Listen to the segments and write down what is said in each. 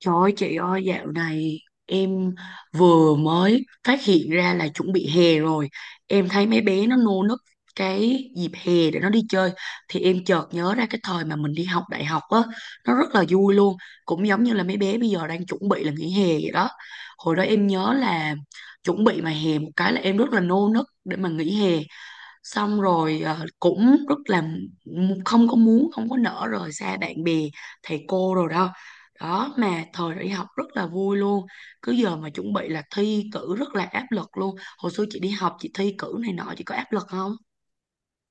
Trời ơi chị ơi, dạo này em vừa mới phát hiện ra là chuẩn bị hè rồi. Em thấy mấy bé nó nô nức cái dịp hè để nó đi chơi. Thì em chợt nhớ ra cái thời mà mình đi học đại học á, nó rất là vui luôn. Cũng giống như là mấy bé bây giờ đang chuẩn bị là nghỉ hè vậy đó. Hồi đó em nhớ là chuẩn bị mà hè một cái là em rất là nô nức để mà nghỉ hè, xong rồi cũng rất là không có muốn, không có nỡ rời xa bạn bè thầy cô rồi đó. Đó, mà thời đi học rất là vui luôn, cứ giờ mà chuẩn bị là thi cử rất là áp lực luôn. Hồi xưa chị đi học chị thi cử này nọ, chị có áp lực không?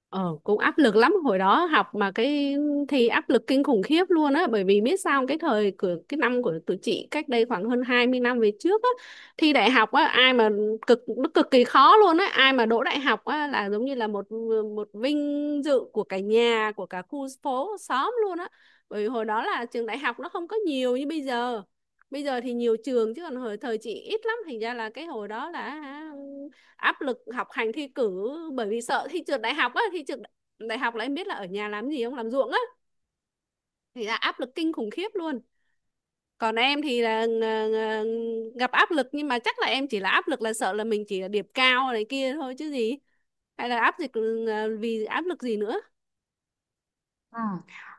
Ờ, Cũng áp lực lắm. Hồi đó học mà cái thi áp lực kinh khủng khiếp luôn á, bởi vì biết sao không? Cái thời của cái năm của tụi chị cách đây khoảng hơn 20 năm về trước á, thi đại học á, ai mà cực, nó cực kỳ khó luôn á. Ai mà đỗ đại học á là giống như là một một vinh dự của cả nhà, của cả khu phố xóm luôn á. Bởi vì hồi đó là trường đại học nó không có nhiều như bây giờ, bây giờ thì nhiều trường chứ còn hồi thời chị ít lắm, thành ra là cái hồi đó là áp lực học hành thi cử, bởi vì sợ thi trượt đại học á. Thi trượt đại học là em biết là ở nhà làm gì không, làm ruộng á, thì là áp lực kinh khủng khiếp luôn. Còn em thì là gặp áp lực, nhưng mà chắc là em chỉ là áp lực là sợ là mình chỉ là điểm cao này kia thôi chứ gì, hay là áp lực, vì áp lực gì nữa. Ừ.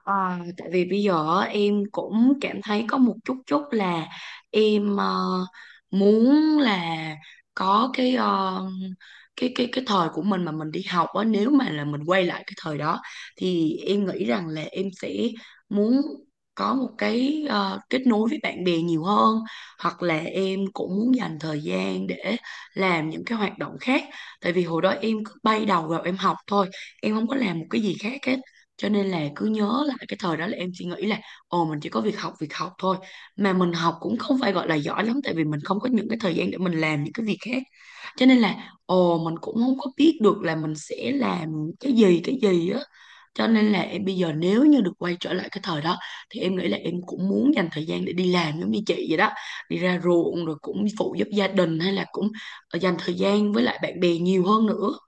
Ờ, Tại vì bây giờ á, em cũng cảm thấy có một chút chút là em muốn là có cái cái thời của mình mà mình đi học á, nếu mà là mình quay lại cái thời đó thì em nghĩ rằng là em sẽ muốn có một cái kết nối với bạn bè nhiều hơn, hoặc là em cũng muốn dành thời gian để làm những cái hoạt động khác. Tại vì hồi đó em cứ bay đầu vào em học thôi, em không có làm một cái gì khác hết. Cho nên là cứ nhớ là cái thời đó là em chỉ nghĩ là ồ mình chỉ có việc học, việc học thôi. Mà mình học cũng không phải gọi là giỏi lắm, tại vì mình không có những cái thời gian để mình làm những cái việc khác. Cho nên là ồ mình cũng không có biết được là mình sẽ làm cái gì, cái gì á. Cho nên là em bây giờ nếu như được quay trở lại cái thời đó thì em nghĩ là em cũng muốn dành thời gian để đi làm giống như chị vậy đó, đi ra ruộng rồi cũng phụ giúp gia đình, hay là cũng dành thời gian với lại bạn bè nhiều hơn nữa.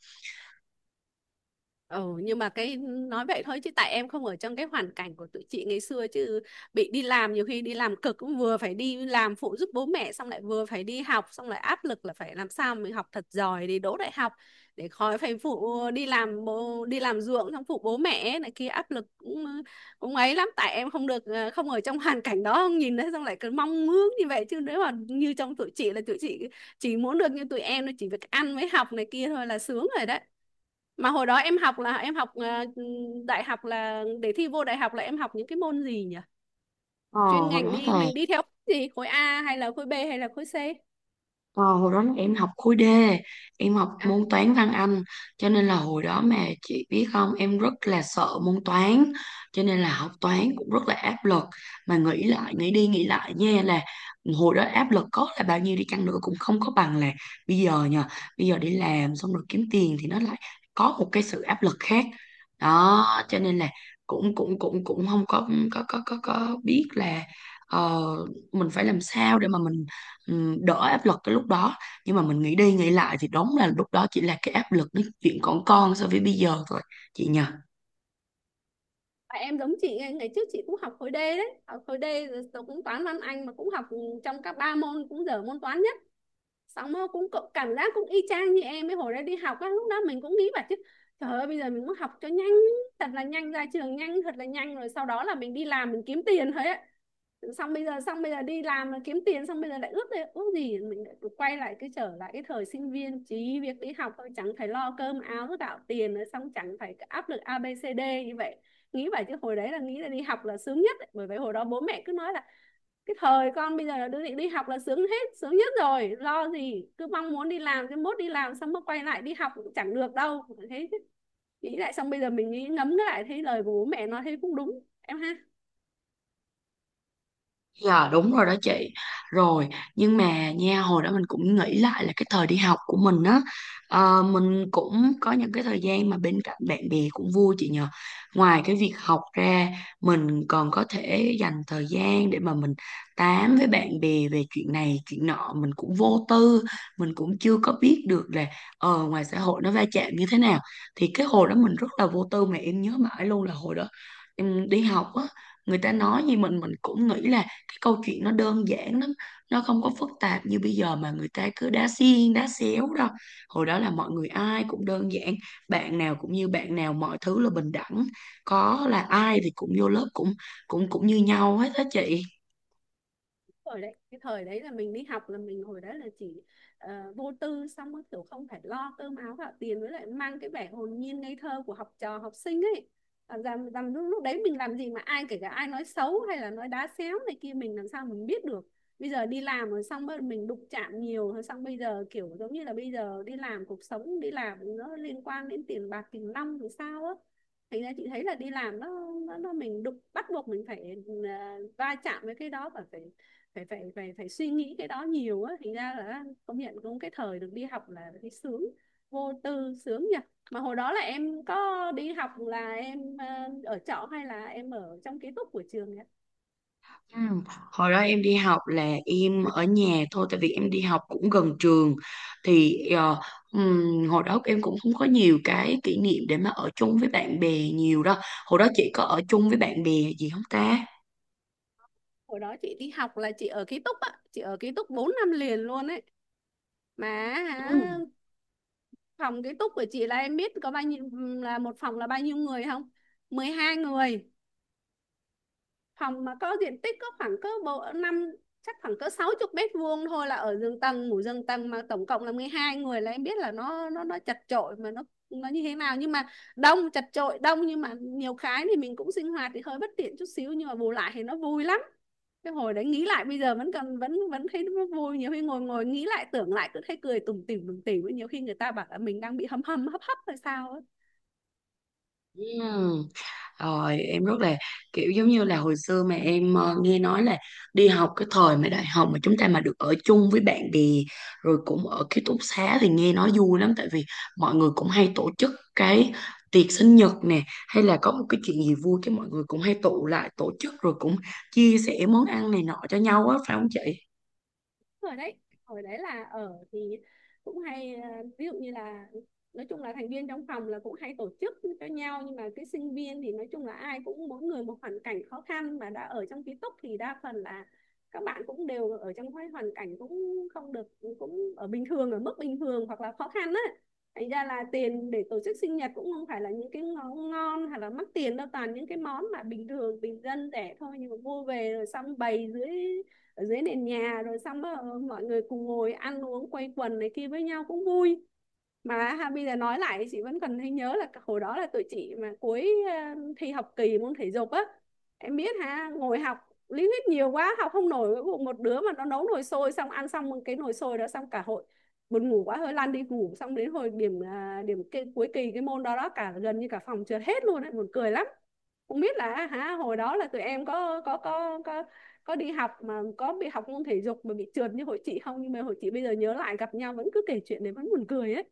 Ừ, nhưng mà cái nói vậy thôi, chứ tại em không ở trong cái hoàn cảnh của tụi chị ngày xưa, chứ bị đi làm, nhiều khi đi làm cực, cũng vừa phải đi làm phụ giúp bố mẹ, xong lại vừa phải đi học, xong lại áp lực là phải làm sao mình học thật giỏi để đỗ đại học, để khỏi phải phụ đi làm bố, đi làm ruộng, xong phụ bố mẹ này kia, áp lực cũng cũng ấy lắm. Tại em không được, không ở trong hoàn cảnh đó, không nhìn thấy, xong lại cứ mong ước như vậy. Chứ nếu mà như trong tụi chị là tụi chị chỉ muốn được như tụi em, nó chỉ việc ăn với học này kia thôi là sướng rồi đấy. Mà hồi đó em học là em học đại học, là để thi vô đại học là em học những cái môn gì nhỉ? Ờ Chuyên hồi ngành đó đi, là. mình đi theo gì? Khối A hay là khối B hay là khối C? Ờ, hồi đó em học khối D, em học À, môn toán văn Anh, cho nên là hồi đó mà chị biết không, em rất là sợ môn toán, cho nên là học toán cũng rất là áp lực. Mà nghĩ lại, nghĩ đi nghĩ lại nha, là hồi đó áp lực có là bao nhiêu đi chăng nữa cũng không có bằng là bây giờ nha. Bây giờ đi làm xong rồi kiếm tiền thì nó lại có một cái sự áp lực khác. Đó, cho nên là cũng cũng cũng cũng không có biết là ờ, mình phải làm sao để mà mình đỡ áp lực cái lúc đó. Nhưng mà mình nghĩ đi nghĩ lại thì đúng là lúc đó chỉ là cái áp lực nói chuyện còn con so với bây giờ thôi, chị nhờ. và em giống chị, ngày trước chị cũng học khối D đấy, học khối D rồi, tôi cũng toán văn Anh mà cũng học trong các ba môn cũng dở môn toán nhất. Xong rồi cũng cũng cảm giác cũng y chang như em ấy. Hồi đó đi học á, lúc đó mình cũng nghĩ bảo chứ trời ơi, bây giờ mình muốn học cho nhanh, thật là nhanh, ra trường nhanh, thật là nhanh, rồi sau đó là mình đi làm mình kiếm tiền thôi á. Xong bây giờ, xong bây giờ đi làm kiếm tiền, xong bây giờ lại ước, đây ước gì mình lại quay lại cái, trở lại cái thời sinh viên chỉ việc đi học thôi, chẳng phải lo cơm áo gạo tiền nữa, xong chẳng phải áp lực a ABCD như vậy. Nghĩ vậy chứ hồi đấy là nghĩ là đi học là sướng nhất ấy. Bởi vậy hồi đó bố mẹ cứ nói là cái thời con bây giờ là đứa định đi học là sướng hết, sướng nhất rồi, lo gì, cứ mong muốn đi làm, cái mốt đi làm xong mới quay lại đi học cũng chẳng được đâu. Thế nghĩ lại, xong bây giờ mình nghĩ ngẫm lại thấy lời của bố mẹ nói thấy cũng đúng em ha. Dạ đúng rồi đó chị. Rồi, nhưng mà nha, hồi đó mình cũng nghĩ lại là cái thời đi học của mình á, mình cũng có những cái thời gian mà bên cạnh bạn bè cũng vui, chị nhờ. Ngoài cái việc học ra, mình còn có thể dành thời gian để mà mình tám với bạn bè về chuyện này chuyện nọ. Mình cũng vô tư, mình cũng chưa có biết được là ngoài xã hội nó va chạm như thế nào. Thì cái hồi đó mình rất là vô tư, mà em nhớ mãi luôn là hồi đó em đi học á, người ta nói gì mình cũng nghĩ là cái câu chuyện nó đơn giản lắm, nó không có phức tạp như bây giờ mà người ta cứ đá xiên đá xéo đâu. Hồi đó là mọi người ai cũng đơn giản, bạn nào cũng như bạn nào, mọi thứ là bình đẳng, có là ai thì cũng vô lớp cũng cũng cũng như nhau hết á chị. Thời đấy, cái thời đấy là mình đi học là mình, hồi đó là chỉ vô tư, xong rồi kiểu không phải lo cơm áo gạo tiền, với lại mang cái vẻ hồn nhiên ngây thơ của học trò học sinh ấy. Lúc đấy mình làm gì mà ai, kể cả ai nói xấu hay là nói đá xéo này kia, mình làm sao mình biết được. Bây giờ đi làm rồi, xong rồi mình đụng chạm nhiều rồi, xong bây giờ kiểu giống như là bây giờ đi làm, cuộc sống đi làm nó liên quan đến tiền bạc tiền nong thì sao á. Thành ra chị thấy là đi làm nó nó mình đụng, bắt buộc mình phải va chạm với cái đó, và phải phải phải phải phải suy nghĩ cái đó nhiều á. Thành ra là công nhận cũng cái thời được đi học là thấy sướng, vô tư, sướng nhỉ. Mà hồi đó là em có đi học là em ở trọ hay là em ở trong ký túc của trường nhỉ? Ừ. Hồi đó em đi học là em ở nhà thôi, tại vì em đi học cũng gần trường, thì hồi đó em cũng không có nhiều cái kỷ niệm để mà ở chung với bạn bè nhiều đâu. Hồi đó chị có ở chung với bạn bè gì không ta? Hồi đó chị đi học là chị ở ký túc á, chị ở ký túc 4 năm liền luôn ấy mà. hả, Ừ. Phòng ký túc của chị là em biết có bao nhiêu, là một phòng là bao nhiêu người không? 12 người. Phòng mà có diện tích có khoảng cỡ bộ năm, chắc khoảng cỡ 60 mét vuông thôi, là ở giường tầng, ngủ giường tầng, mà tổng cộng là 12 người là em biết là nó chật chội, mà nó như thế nào. Nhưng mà đông, chật chội, đông, nhưng mà nhiều cái thì mình cũng sinh hoạt thì hơi bất tiện chút xíu, nhưng mà bù lại thì nó vui lắm. Cái hồi đấy nghĩ lại bây giờ vẫn còn, vẫn vẫn thấy nó vui. Nhiều khi ngồi, nghĩ lại, tưởng lại cứ thấy cười tủm tỉm tủm tỉm, nhiều khi người ta bảo là mình đang bị hâm hâm hấp hấp hay sao ấy. Ừm. Rồi em rất là kiểu giống như là hồi xưa mà em nghe nói là đi học cái thời mà đại học mà chúng ta mà được ở chung với bạn bè rồi cũng ở ký túc xá thì nghe nói vui lắm, tại vì mọi người cũng hay tổ chức cái tiệc sinh nhật nè, hay là có một cái chuyện gì vui cái mọi người cũng hay tụ lại tổ chức rồi cũng chia sẻ món ăn này nọ cho nhau á, phải không chị? Ở đấy, ở đấy là ở thì cũng hay ví dụ như là, nói chung là thành viên trong phòng là cũng hay tổ chức cho nhau. Nhưng mà cái sinh viên thì nói chung là ai cũng mỗi người một hoàn cảnh khó khăn, mà đã ở trong ký túc thì đa phần là các bạn cũng đều ở trong cái hoàn cảnh cũng không được, cũng ở bình thường, ở mức bình thường hoặc là khó khăn á. Thành ra là tiền để tổ chức sinh nhật cũng không phải là những cái món ngon hay là mắc tiền đâu, toàn những cái món mà bình thường, bình dân, rẻ thôi. Nhưng mà mua về rồi xong bày dưới, ở dưới nền nhà, rồi xong mọi người cùng ngồi ăn uống quây quần này kia với nhau cũng vui mà ha. Bây giờ nói lại thì chị vẫn còn thấy nhớ là hồi đó là tụi chị mà cuối thi học kỳ môn thể dục á, em biết ha, ngồi học lý thuyết nhiều quá học không nổi. Cuối cùng một đứa mà nó nấu nồi xôi, xong ăn xong cái nồi xôi đó, xong cả hội buồn ngủ quá, hơi lăn đi ngủ, xong đến hồi điểm, điểm cái cuối kỳ cái môn đó đó, cả gần như cả phòng trượt hết luôn ấy, buồn cười lắm. Không biết là hả, hồi đó là tụi em có đi học mà có bị học môn thể dục mà bị trượt như hội chị không, nhưng mà hội chị bây giờ nhớ lại gặp nhau vẫn cứ kể chuyện đấy vẫn buồn cười ấy.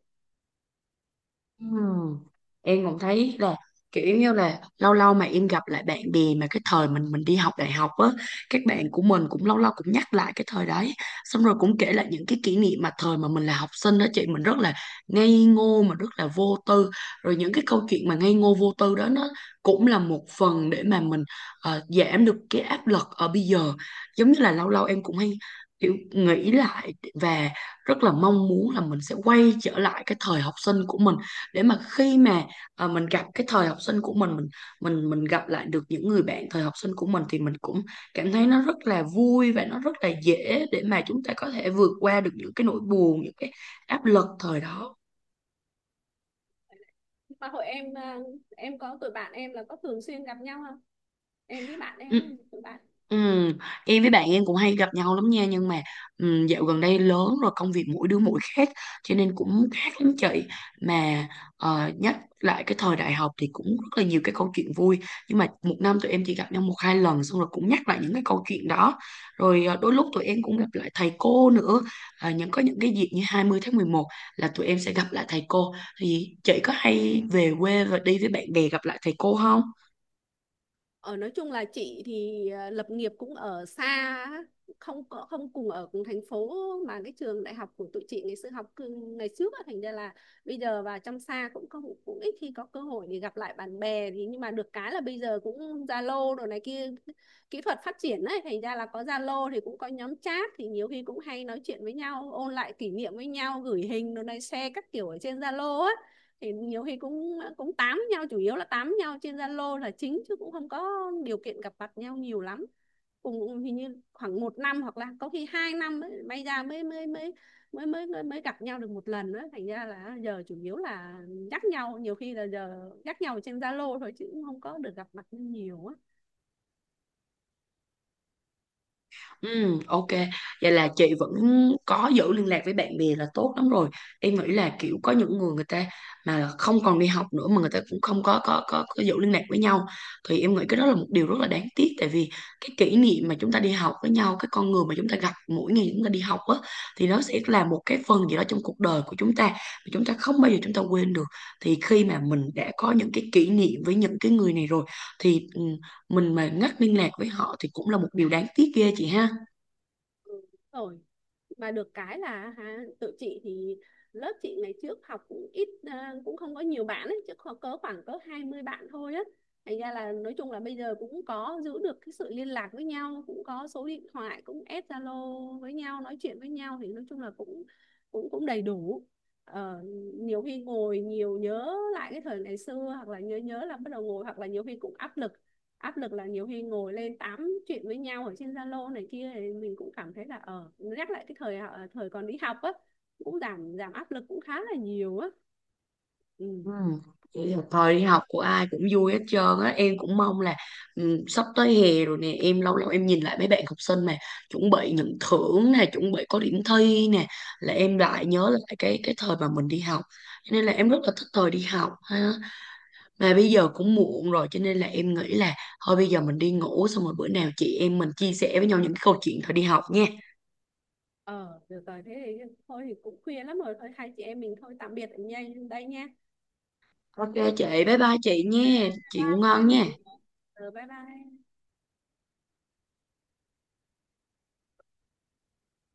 Ừm. Em cũng thấy là kiểu như là lâu lâu mà em gặp lại bạn bè mà cái thời mình đi học đại học á, các bạn của mình cũng lâu lâu cũng nhắc lại cái thời đấy, xong rồi cũng kể lại những cái kỷ niệm mà thời mà mình là học sinh đó chị, mình rất là ngây ngô mà rất là vô tư. Rồi những cái câu chuyện mà ngây ngô vô tư đó, nó cũng là một phần để mà mình giảm được cái áp lực ở bây giờ. Giống như là lâu lâu em cũng hay kiểu nghĩ lại, và rất là mong muốn là mình sẽ quay trở lại cái thời học sinh của mình, để mà khi mà mình gặp cái thời học sinh của mình, mình gặp lại được những người bạn thời học sinh của mình thì mình cũng cảm thấy nó rất là vui, và nó rất là dễ để mà chúng ta có thể vượt qua được những cái nỗi buồn, những cái áp lực thời đó. Mà hội em à, em có tụi bạn em là có thường xuyên gặp nhau không? Em với bạn em Ừ. ấy, tụi bạn. Ừ. Em với bạn em cũng hay gặp nhau lắm nha, nhưng mà dạo gần đây lớn rồi, công việc mỗi đứa mỗi khác, cho nên cũng khác lắm chị. Mà nhắc lại cái thời đại học thì cũng rất là nhiều cái câu chuyện vui. Nhưng mà một năm tụi em chỉ gặp nhau một hai lần, xong rồi cũng nhắc lại những cái câu chuyện đó. Rồi đôi lúc tụi em cũng gặp lại thầy cô nữa. À, những có những cái dịp như 20 tháng 11 là tụi em sẽ gặp lại thầy cô. Thì chị có hay về quê và đi với bạn bè gặp lại thầy cô không? Ở nói chung là chị thì lập nghiệp cũng ở xa á, không có không cùng ở cùng thành phố, mà cái trường đại học của tụi chị ngày xưa học ngày trước á, thành ra là bây giờ vào trong xa cũng không, cũng ít khi có cơ hội để gặp lại bạn bè. Thì nhưng mà được cái là bây giờ cũng Zalo đồ này kia, kỹ thuật phát triển ấy, thành ra là có Zalo thì cũng có nhóm chat, thì nhiều khi cũng hay nói chuyện với nhau, ôn lại kỷ niệm với nhau, gửi hình đồ này share các kiểu ở trên Zalo ấy. Thì nhiều khi cũng cũng tám nhau, chủ yếu là tám nhau trên Zalo là chính, chứ cũng không có điều kiện gặp mặt nhau nhiều lắm. Cùng hình như khoảng 1 năm hoặc là có khi 2 năm ấy, may ra mới mới gặp nhau được một lần đó. Thành ra là giờ chủ yếu là nhắc nhau, nhiều khi là giờ nhắc nhau trên Zalo thôi, chứ cũng không có được gặp mặt nhiều á. Ừ, ok. Vậy là chị vẫn có giữ liên lạc với bạn bè là tốt lắm rồi. Em nghĩ là kiểu có những người người ta mà không còn đi học nữa mà người ta cũng không có giữ liên lạc với nhau thì em nghĩ cái đó là một điều rất là đáng tiếc, tại vì cái kỷ niệm mà chúng ta đi học với nhau, cái con người mà chúng ta gặp mỗi ngày chúng ta đi học á, thì nó sẽ là một cái phần gì đó trong cuộc đời của chúng ta mà chúng ta không bao giờ chúng ta quên được. Thì khi mà mình đã có những cái kỷ niệm với những cái người này rồi thì mình mà ngắt liên lạc với họ thì cũng là một điều đáng tiếc ghê chị ha. Rồi mà được cái là ha, tụi chị thì lớp chị ngày trước học cũng ít à, cũng không có nhiều bạn ấy, chứ có cỡ khoảng cỡ 20 bạn thôi á. Thành ra là nói chung là bây giờ cũng có giữ được cái sự liên lạc với nhau, cũng có số điện thoại, cũng add Zalo với nhau nói chuyện với nhau, thì nói chung là cũng cũng cũng đầy đủ. Ờ, nhiều khi ngồi nhiều nhớ lại cái thời ngày xưa, hoặc là nhớ nhớ là bắt đầu ngồi, hoặc là nhiều khi cũng áp lực, áp lực là nhiều khi ngồi lên tám chuyện với nhau ở trên Zalo này kia, thì mình cũng cảm thấy là ở nhắc lại cái thời thời còn đi học á, cũng giảm giảm áp lực cũng khá là nhiều á ừ. Ừ. Vậy là thời đi học của ai cũng vui hết trơn á. Em cũng mong là sắp tới hè rồi nè. Em lâu lâu em nhìn lại mấy bạn học sinh mà chuẩn bị nhận thưởng nè, chuẩn bị có điểm thi nè, là em lại nhớ lại cái thời mà mình đi học. Cho nên là em rất là thích thời đi học ha. Mà bây giờ cũng muộn rồi, cho nên là em nghĩ là thôi bây giờ mình đi ngủ, xong rồi bữa nào chị em mình chia sẻ với nhau những cái câu chuyện thời đi học nha. Ờ được rồi, thế thì thôi thì cũng khuya lắm rồi, thôi hai chị em mình thôi tạm biệt, ở nhà đây nha, Ok chị, bye bye chị nha, bye chị ngủ ngon bye nha. tụi em. Ờ, bye bye.